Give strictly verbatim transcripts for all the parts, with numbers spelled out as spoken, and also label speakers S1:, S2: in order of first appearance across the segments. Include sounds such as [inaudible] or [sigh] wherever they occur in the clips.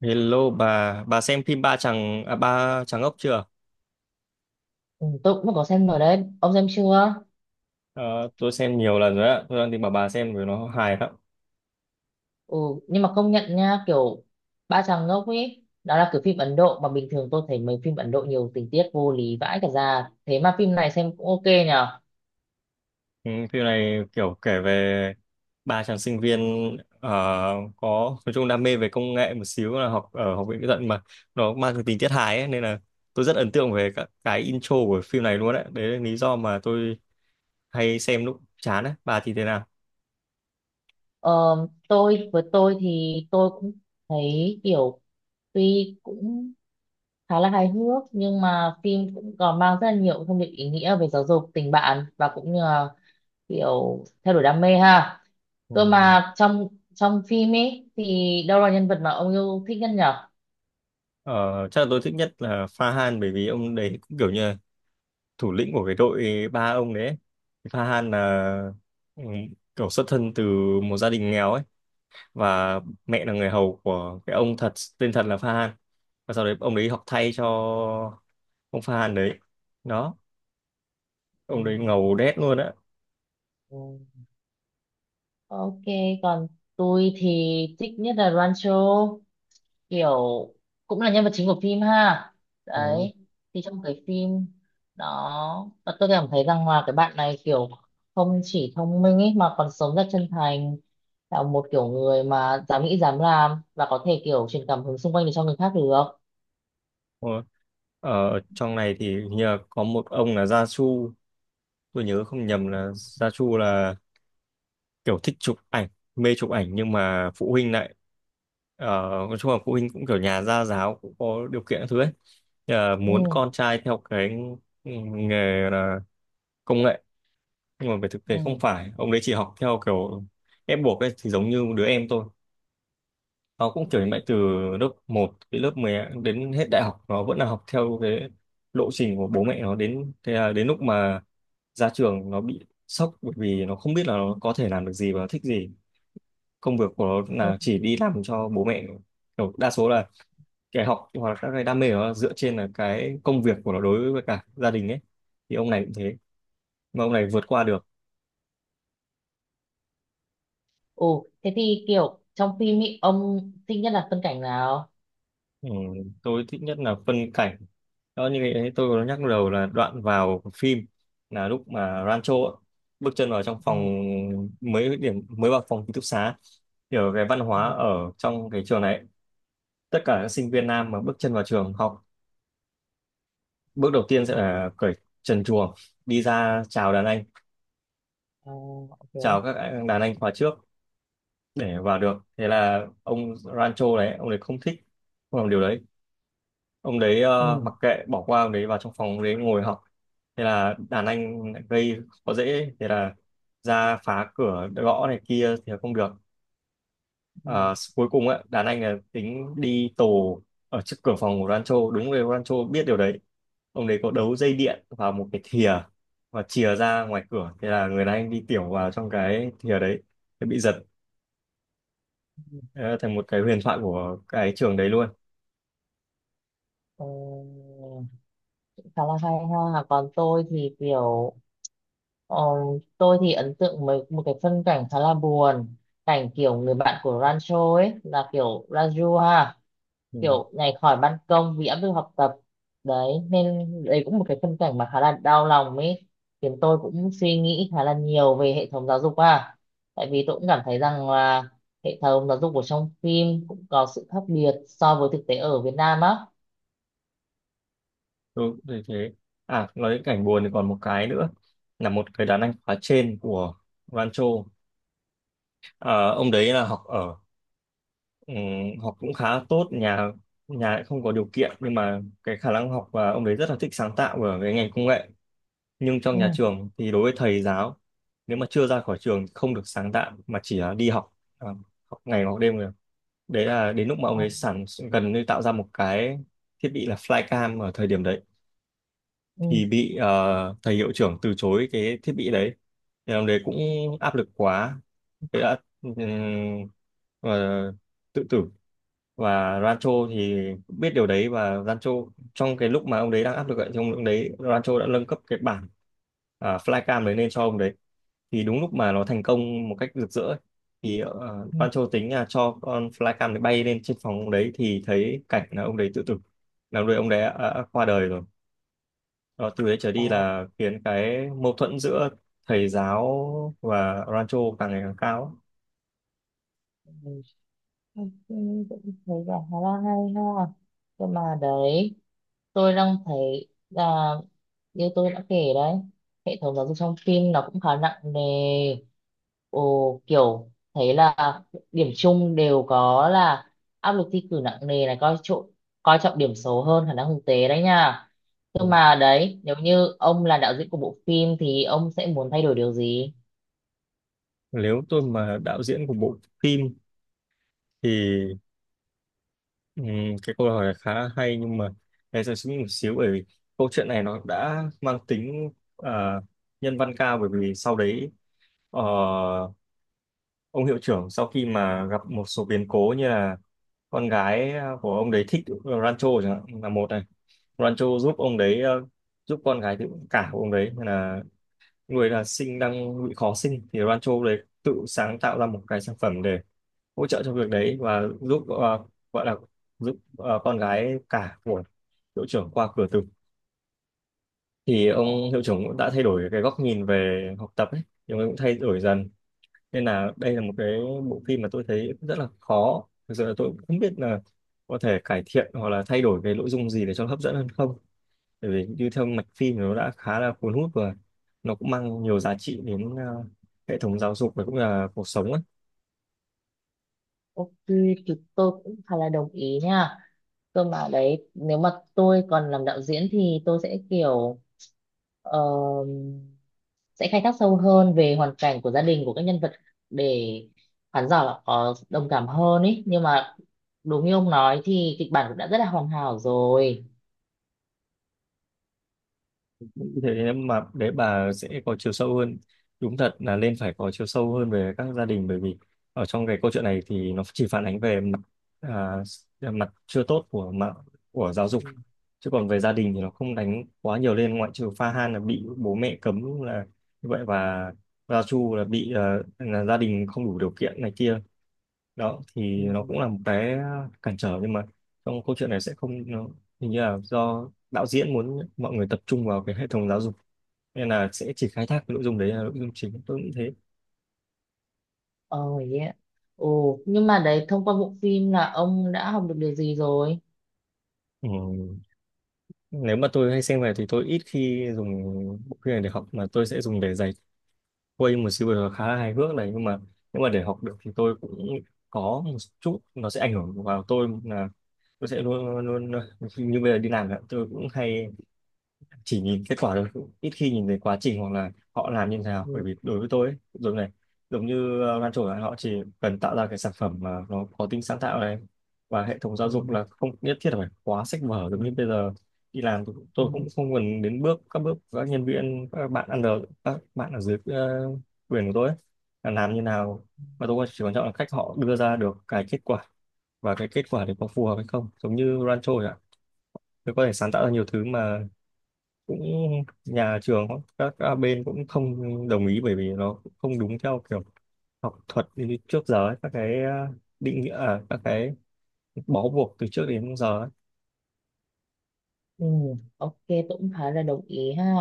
S1: Hello bà, bà xem phim Ba Chàng à, Ba Chàng Ốc chưa?
S2: Ừ, tôi cũng có xem rồi đấy, ông xem chưa?
S1: Ờ, tôi xem nhiều lần rồi ạ. Tôi đang tìm bảo bà xem vì nó hài lắm.
S2: ừ nhưng mà công nhận nha, kiểu ba chàng ngốc ấy đó là kiểu phim Ấn Độ mà bình thường tôi thấy mấy phim Ấn Độ nhiều tình tiết vô lý vãi cả ra, thế mà phim này xem cũng ok nhở.
S1: Ừ, phim này kiểu kể về ba chàng sinh viên ờ, có nói chung đam mê về công nghệ một xíu là học ở học viện kỹ thuật mà nó mang cái tính tiết hài ấy, nên là tôi rất ấn tượng về các cái intro của phim này luôn đấy. Đấy là lý do mà tôi hay xem lúc chán ấy. Bà thì thế nào?
S2: ờ, tôi với tôi thì tôi cũng thấy kiểu tuy cũng khá là hài hước, nhưng mà phim cũng còn mang rất là nhiều thông điệp ý nghĩa về giáo dục, tình bạn, và cũng như là kiểu theo đuổi đam mê ha.
S1: Ừ.
S2: Cơ mà trong trong phim ấy thì đâu là nhân vật mà ông yêu thích nhất nhở?
S1: Ờ, chắc là tôi thích nhất là Pha Han bởi vì ông đấy cũng kiểu như là thủ lĩnh của cái đội ba ông đấy ấy. Farhan là ừ, kiểu xuất thân từ một gia đình nghèo ấy, và mẹ là người hầu của cái ông thật, tên thật là Farhan, và sau đấy ông đấy học thay cho ông Farhan đấy. Đó,
S2: Ừ,
S1: ông đấy ngầu đét luôn á.
S2: ừ. Ok, còn tôi thì thích nhất là Rancho, kiểu cũng là nhân vật chính của phim ha.
S1: Ừ.
S2: Đấy, thì trong cái phim đó, và tôi cảm thấy rằng là cái bạn này kiểu không chỉ thông minh ấy, mà còn sống rất chân thành, là một kiểu người mà dám nghĩ dám làm và có thể kiểu truyền cảm hứng xung quanh để cho người khác được.
S1: Ừ. Ở trong này thì hình như là có một ông là Gia Chu, tôi nhớ không nhầm là Gia Chu là kiểu thích chụp ảnh, mê chụp ảnh, nhưng mà phụ huynh lại ờ, nói chung là phụ huynh cũng kiểu nhà gia giáo, cũng có điều kiện các thứ ấy. Ờ, muốn
S2: Ừ,
S1: con trai theo cái nghề là công nghệ, nhưng mà về thực tế
S2: ừ,
S1: không phải ông đấy chỉ học theo kiểu ép buộc ấy. Thì giống như đứa em tôi, nó cũng kiểu như vậy, từ lớp một, đến lớp mười, đến hết đại học nó vẫn là học theo cái lộ trình của bố mẹ nó. Đến thế là đến lúc mà ra trường nó bị sốc bởi vì nó không biết là nó có thể làm được gì và nó thích gì. Công việc của nó
S2: ừ.
S1: là chỉ đi làm cho bố mẹ, kiểu đa số là cái học hoặc là các cái đam mê của nó dựa trên là cái công việc của nó đối với cả gia đình ấy. Thì ông này cũng thế, mà ông này vượt qua được.
S2: Ừ, thế thì kiểu trong phim ý, ông thích nhất là phân cảnh nào?
S1: Ừ, tôi thích nhất là phân cảnh đó, như cái tôi có nhắc đầu, là đoạn vào phim, là lúc mà Rancho ấy, bước chân vào trong
S2: Ừ,
S1: phòng, mới điểm mới vào phòng ký túc xá. Thì ở cái văn
S2: ừ,
S1: hóa ở trong cái trường này ấy, tất cả các sinh viên nam mà bước chân vào trường học, bước đầu tiên sẽ
S2: ừ.
S1: là cởi trần truồng đi ra chào đàn anh,
S2: À, ok.
S1: chào các anh- đàn anh khóa trước để vào được. Thế là ông Rancho đấy, ông đấy không thích, không làm điều đấy. Ông đấy ờ,
S2: Ừ.
S1: mặc kệ, bỏ qua, ông đấy vào trong phòng ông đấy ngồi học. Thế là đàn anh lại gây khó dễ, thế là ra phá cửa, gõ này kia thì không được.
S2: Ừ.
S1: Ờ, cuối cùng á, đàn anh là tính đi tù ở trước cửa phòng của Rancho, đúng rồi, Rancho biết điều đấy, ông đấy có đấu dây điện vào một cái thìa và chìa ra ngoài cửa, thế là người đàn anh đi tiểu vào trong cái thìa đấy. Thế bị giật. Đấy là thành một cái huyền thoại của cái trường đấy luôn.
S2: Ờ, khá là hay ha. Còn tôi thì kiểu ờ, tôi thì ấn tượng với một cái phân cảnh khá là buồn, cảnh kiểu người bạn của Rancho ấy là kiểu Raju ha,
S1: Ừ,
S2: kiểu nhảy khỏi ban công vì áp lực học tập. Đấy nên đấy cũng một cái phân cảnh mà khá là đau lòng ấy, khiến tôi cũng suy nghĩ khá là nhiều về hệ thống giáo dục à. Tại vì tôi cũng cảm thấy rằng là hệ thống giáo dục của trong phim cũng có sự khác biệt so với thực tế ở Việt Nam á.
S1: đúng thế thế. À, nói đến cảnh buồn thì còn một cái nữa, là một cái đàn anh khóa trên của Rancho. À, ông đấy là học ở ừ, học cũng khá tốt, nhà nhà lại không có điều kiện, nhưng mà cái khả năng học, và ông đấy rất là thích sáng tạo ở cái ngành công nghệ. Nhưng trong
S2: ừ.
S1: nhà trường thì đối với thầy giáo, nếu mà chưa ra khỏi trường thì không được sáng tạo, mà chỉ là đi học, à, học ngày học đêm. Đấy là đến lúc mà ông
S2: Ờ,
S1: ấy sản gần như tạo ra một cái thiết bị là flycam ở thời điểm đấy,
S2: ừ,
S1: thì bị ờ, thầy hiệu trưởng từ chối cái thiết bị đấy. Thì ông đấy cũng áp lực quá, thế đã ừm, ờ, tự tử. Và Rancho thì biết điều đấy, và Rancho, trong cái lúc mà ông đấy đang áp lực ấy, thì ông lúc đấy Rancho đã nâng cấp cái bản, à, flycam đấy lên cho ông đấy. Thì đúng lúc mà nó thành công một cách rực rỡ ấy, thì ờ,
S2: ừ.
S1: Rancho tính là cho con flycam đấy bay lên trên phòng ông đấy, thì thấy cảnh là ông đấy tự tử, là lúc đấy ông đấy đã, đã qua đời rồi. Đó, từ đấy trở
S2: Ờ,
S1: đi là khiến cái mâu thuẫn giữa thầy giáo và Rancho càng ngày càng cao.
S2: mình thấy- cũng thấy là khá là hay ha. Nhưng mà đấy, tôi đang thấy là như tôi đã kể đấy, hệ thống giáo dục trong phim nó cũng khá nặng nề. Ồ, kiểu thấy là điểm chung đều có là áp lực thi cử nặng nề này, coi trọng coi trọng điểm số hơn khả năng thực tế đấy nha. Nhưng
S1: Ừ.
S2: mà đấy, nếu như ông là đạo diễn của bộ phim thì ông sẽ muốn thay đổi điều gì?
S1: Nếu tôi mà đạo diễn của bộ phim thì Ừ, cái câu hỏi này khá là hay, nhưng mà em sẽ suy nghĩ một xíu, bởi vì câu chuyện này nó đã mang tính ờ, nhân văn cao. Bởi vì sau đấy ờ, ông hiệu trưởng, sau khi mà gặp một số biến cố như là con gái của ông đấy thích Rancho chẳng hạn, là một này, Rancho giúp ông đấy, ờ, giúp con gái tự cả của ông đấy, nên là người là sinh đang bị khó sinh, thì Rancho đấy tự sáng tạo ra một cái sản phẩm để hỗ trợ trong việc đấy, và giúp, ờ, gọi là giúp ờ, con gái cả của hiệu trưởng qua cửa tử. Thì ông hiệu
S2: Ồ.
S1: trưởng cũng đã thay đổi cái góc nhìn về học tập ấy, thì ông ấy cũng thay đổi dần. Nên là đây là một cái bộ phim mà tôi thấy rất là khó, thực sự là tôi cũng không biết là có thể cải thiện hoặc là thay đổi cái nội dung gì để cho nó hấp dẫn hơn không, bởi vì như theo mạch phim thì nó đã khá là cuốn hút, và nó cũng mang nhiều giá trị đến ờ, hệ thống giáo dục và cũng là cuộc sống.
S2: Ok thì tôi cũng khá là đồng ý nha. Cơ mà đấy nếu mà tôi còn làm đạo diễn thì tôi sẽ kiểu ờ, sẽ khai thác sâu hơn về hoàn cảnh của gia đình của các nhân vật, để khán giả là có đồng cảm hơn ý. Nhưng mà đúng như ông nói thì kịch bản cũng đã rất là hoàn hảo rồi.
S1: Thế mà để bà sẽ có chiều sâu hơn, đúng thật là nên phải có chiều sâu hơn về các gia đình, bởi vì ở trong cái câu chuyện này thì nó chỉ phản ánh về mặt, à, mặt chưa tốt của mặt của giáo dục,
S2: Ừ.
S1: chứ còn về gia đình thì nó không đánh quá nhiều lên, ngoại trừ Pha Han là bị bố mẹ cấm là như vậy, và Gia Chu là bị, ờ, là gia đình không đủ điều kiện này kia. Đó, thì
S2: Ừ.
S1: nó cũng là một cái cản trở, nhưng mà trong câu chuyện này sẽ không nó, hình như là do đạo diễn muốn mọi người tập trung vào cái hệ thống giáo dục, nên là sẽ chỉ khai thác cái nội dung đấy, là nội dung chính, tôi nghĩ thế.
S2: Ờ, yeah. Ồ, nhưng mà đấy thông qua bộ phim là ông đã học được điều gì rồi?
S1: Ừ. Nếu mà tôi hay xem về thì tôi ít khi dùng bộ phim này để học, mà tôi sẽ dùng để giải khuây một siêu, vừa khá là hài hước này. Nhưng mà nếu mà để học được thì tôi cũng có một chút nó sẽ ảnh hưởng vào tôi, là tôi sẽ luôn luôn, như bây giờ đi làm ạ, tôi cũng hay chỉ nhìn kết quả thôi, cũng ít khi nhìn thấy quá trình hoặc là họ làm như thế nào, bởi
S2: Ừ.
S1: vì đối với tôi ấy, giống này giống như ờ, Lan Trổ, là họ chỉ cần tạo ra cái sản phẩm mà nó có tính sáng tạo này, và hệ thống giáo
S2: Ừ.
S1: dục là không nhất thiết là phải quá sách vở
S2: Ừ.
S1: giống như bây giờ. Đi làm tôi,
S2: Ừ.
S1: tôi cũng không cần đến bước các bước, các nhân viên, các bạn ăn được, các bạn ở dưới ờ, quyền của tôi ấy, là làm như nào, mà tôi chỉ quan trọng là cách họ đưa ra được cái kết quả, và cái kết quả đấy có phù hợp hay không, giống như Rancho ạ. Tôi có thể sáng tạo ra nhiều thứ mà cũng, nhà trường, các, các bên cũng không đồng ý, bởi vì nó cũng không đúng theo kiểu học thuật như trước giờ ấy, các cái ờ, định nghĩa, à, các cái bó buộc từ trước đến giờ ấy.
S2: Ừ, ok, tôi cũng thấy là đồng ý ha.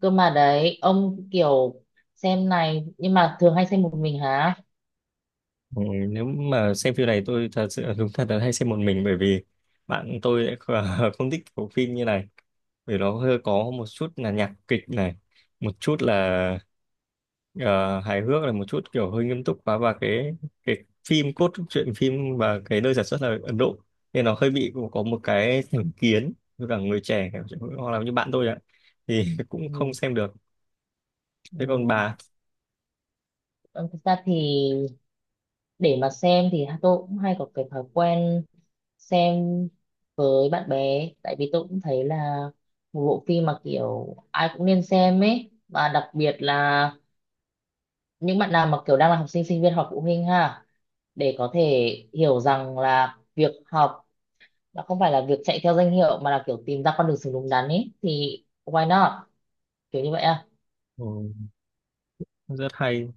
S2: Cơ mà đấy ông kiểu xem này, nhưng mà thường hay xem một mình hả?
S1: Ừ, nếu mà xem phim này tôi thật sự đúng thật là hay xem một mình, bởi vì bạn tôi lại kh- [laughs] không thích bộ phim như này, bởi nó hơi có một chút là nhạc kịch này, một chút là ờ, hài hước, là một chút kiểu hơi nghiêm túc quá, và cái, cái phim, cốt truyện phim và cái nơi sản xuất là Ấn Độ, nên nó hơi bị có một cái thành kiến với cả người trẻ hoặc là như bạn tôi ạ, thì [laughs] cũng không
S2: Ừ,
S1: xem được. Thế còn
S2: ừ.
S1: bà?
S2: Ông thực ra thì để mà xem thì tôi cũng hay có cái thói quen xem với bạn bè, tại vì tôi cũng thấy là một bộ phim mà kiểu ai cũng nên xem ấy, và đặc biệt là những bạn nào mà kiểu đang là học sinh sinh viên hoặc phụ huynh ha, để có thể hiểu rằng là việc học nó không phải là việc chạy theo danh hiệu, mà là kiểu tìm ra con đường sống đúng đắn ấy thì why not, kiểu như vậy à.
S1: Ừ, rất hay.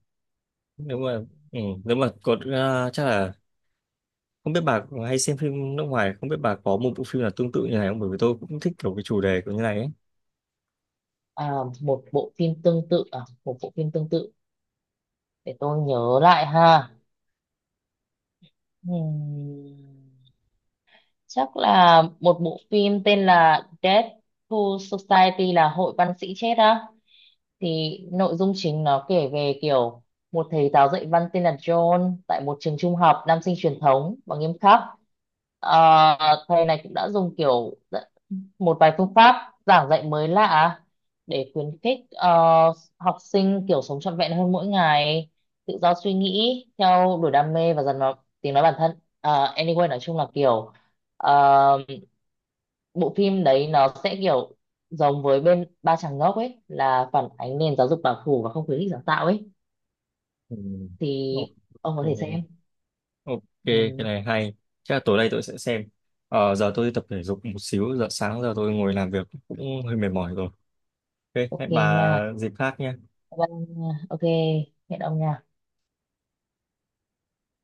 S1: Nếu mà ừ, nếu mà có ờ, chắc là, không biết bà hay xem phim nước ngoài, không biết bà có một bộ phim nào tương tự như này không? Bởi vì tôi cũng thích kiểu cái chủ đề của như này ấy.
S2: à Một bộ phim tương tự à? Một bộ phim tương tự để tôi nhớ lại ha. Ừm, Chắc là một bộ phim tên là Death to Society, là hội văn sĩ chết á, thì nội dung chính nó kể về kiểu một thầy giáo dạy văn tên là John tại một trường trung học nam sinh truyền thống và nghiêm khắc. Ờ, thầy này cũng đã dùng kiểu rất- một vài phương pháp giảng dạy mới lạ để khuyến khích ờ, học sinh kiểu sống trọn vẹn hơn mỗi ngày, tự do suy nghĩ, theo đuổi đam mê và dần vào tiếng nói bản thân. Ờ, anyway, nói chung là kiểu ờ, bộ phim đấy nó sẽ kiểu giống với bên Ba Chàng Ngốc ấy, là phản ánh nền giáo dục bảo thủ và không khuyến khích sáng tạo ấy,
S1: Ừ. Ok,
S2: thì ông có thể xem.
S1: ok, cái
S2: Ừ,
S1: này hay. Chắc là tối nay tôi sẽ xem. Ờ, giờ tôi đi tập thể dục một xíu, giờ sáng giờ tôi ngồi làm việc cũng hơi mệt mỏi rồi. Ok,
S2: ok
S1: hẹn bà
S2: nha.
S1: dịp khác nhé.
S2: Vâng, ok, hẹn ông nha.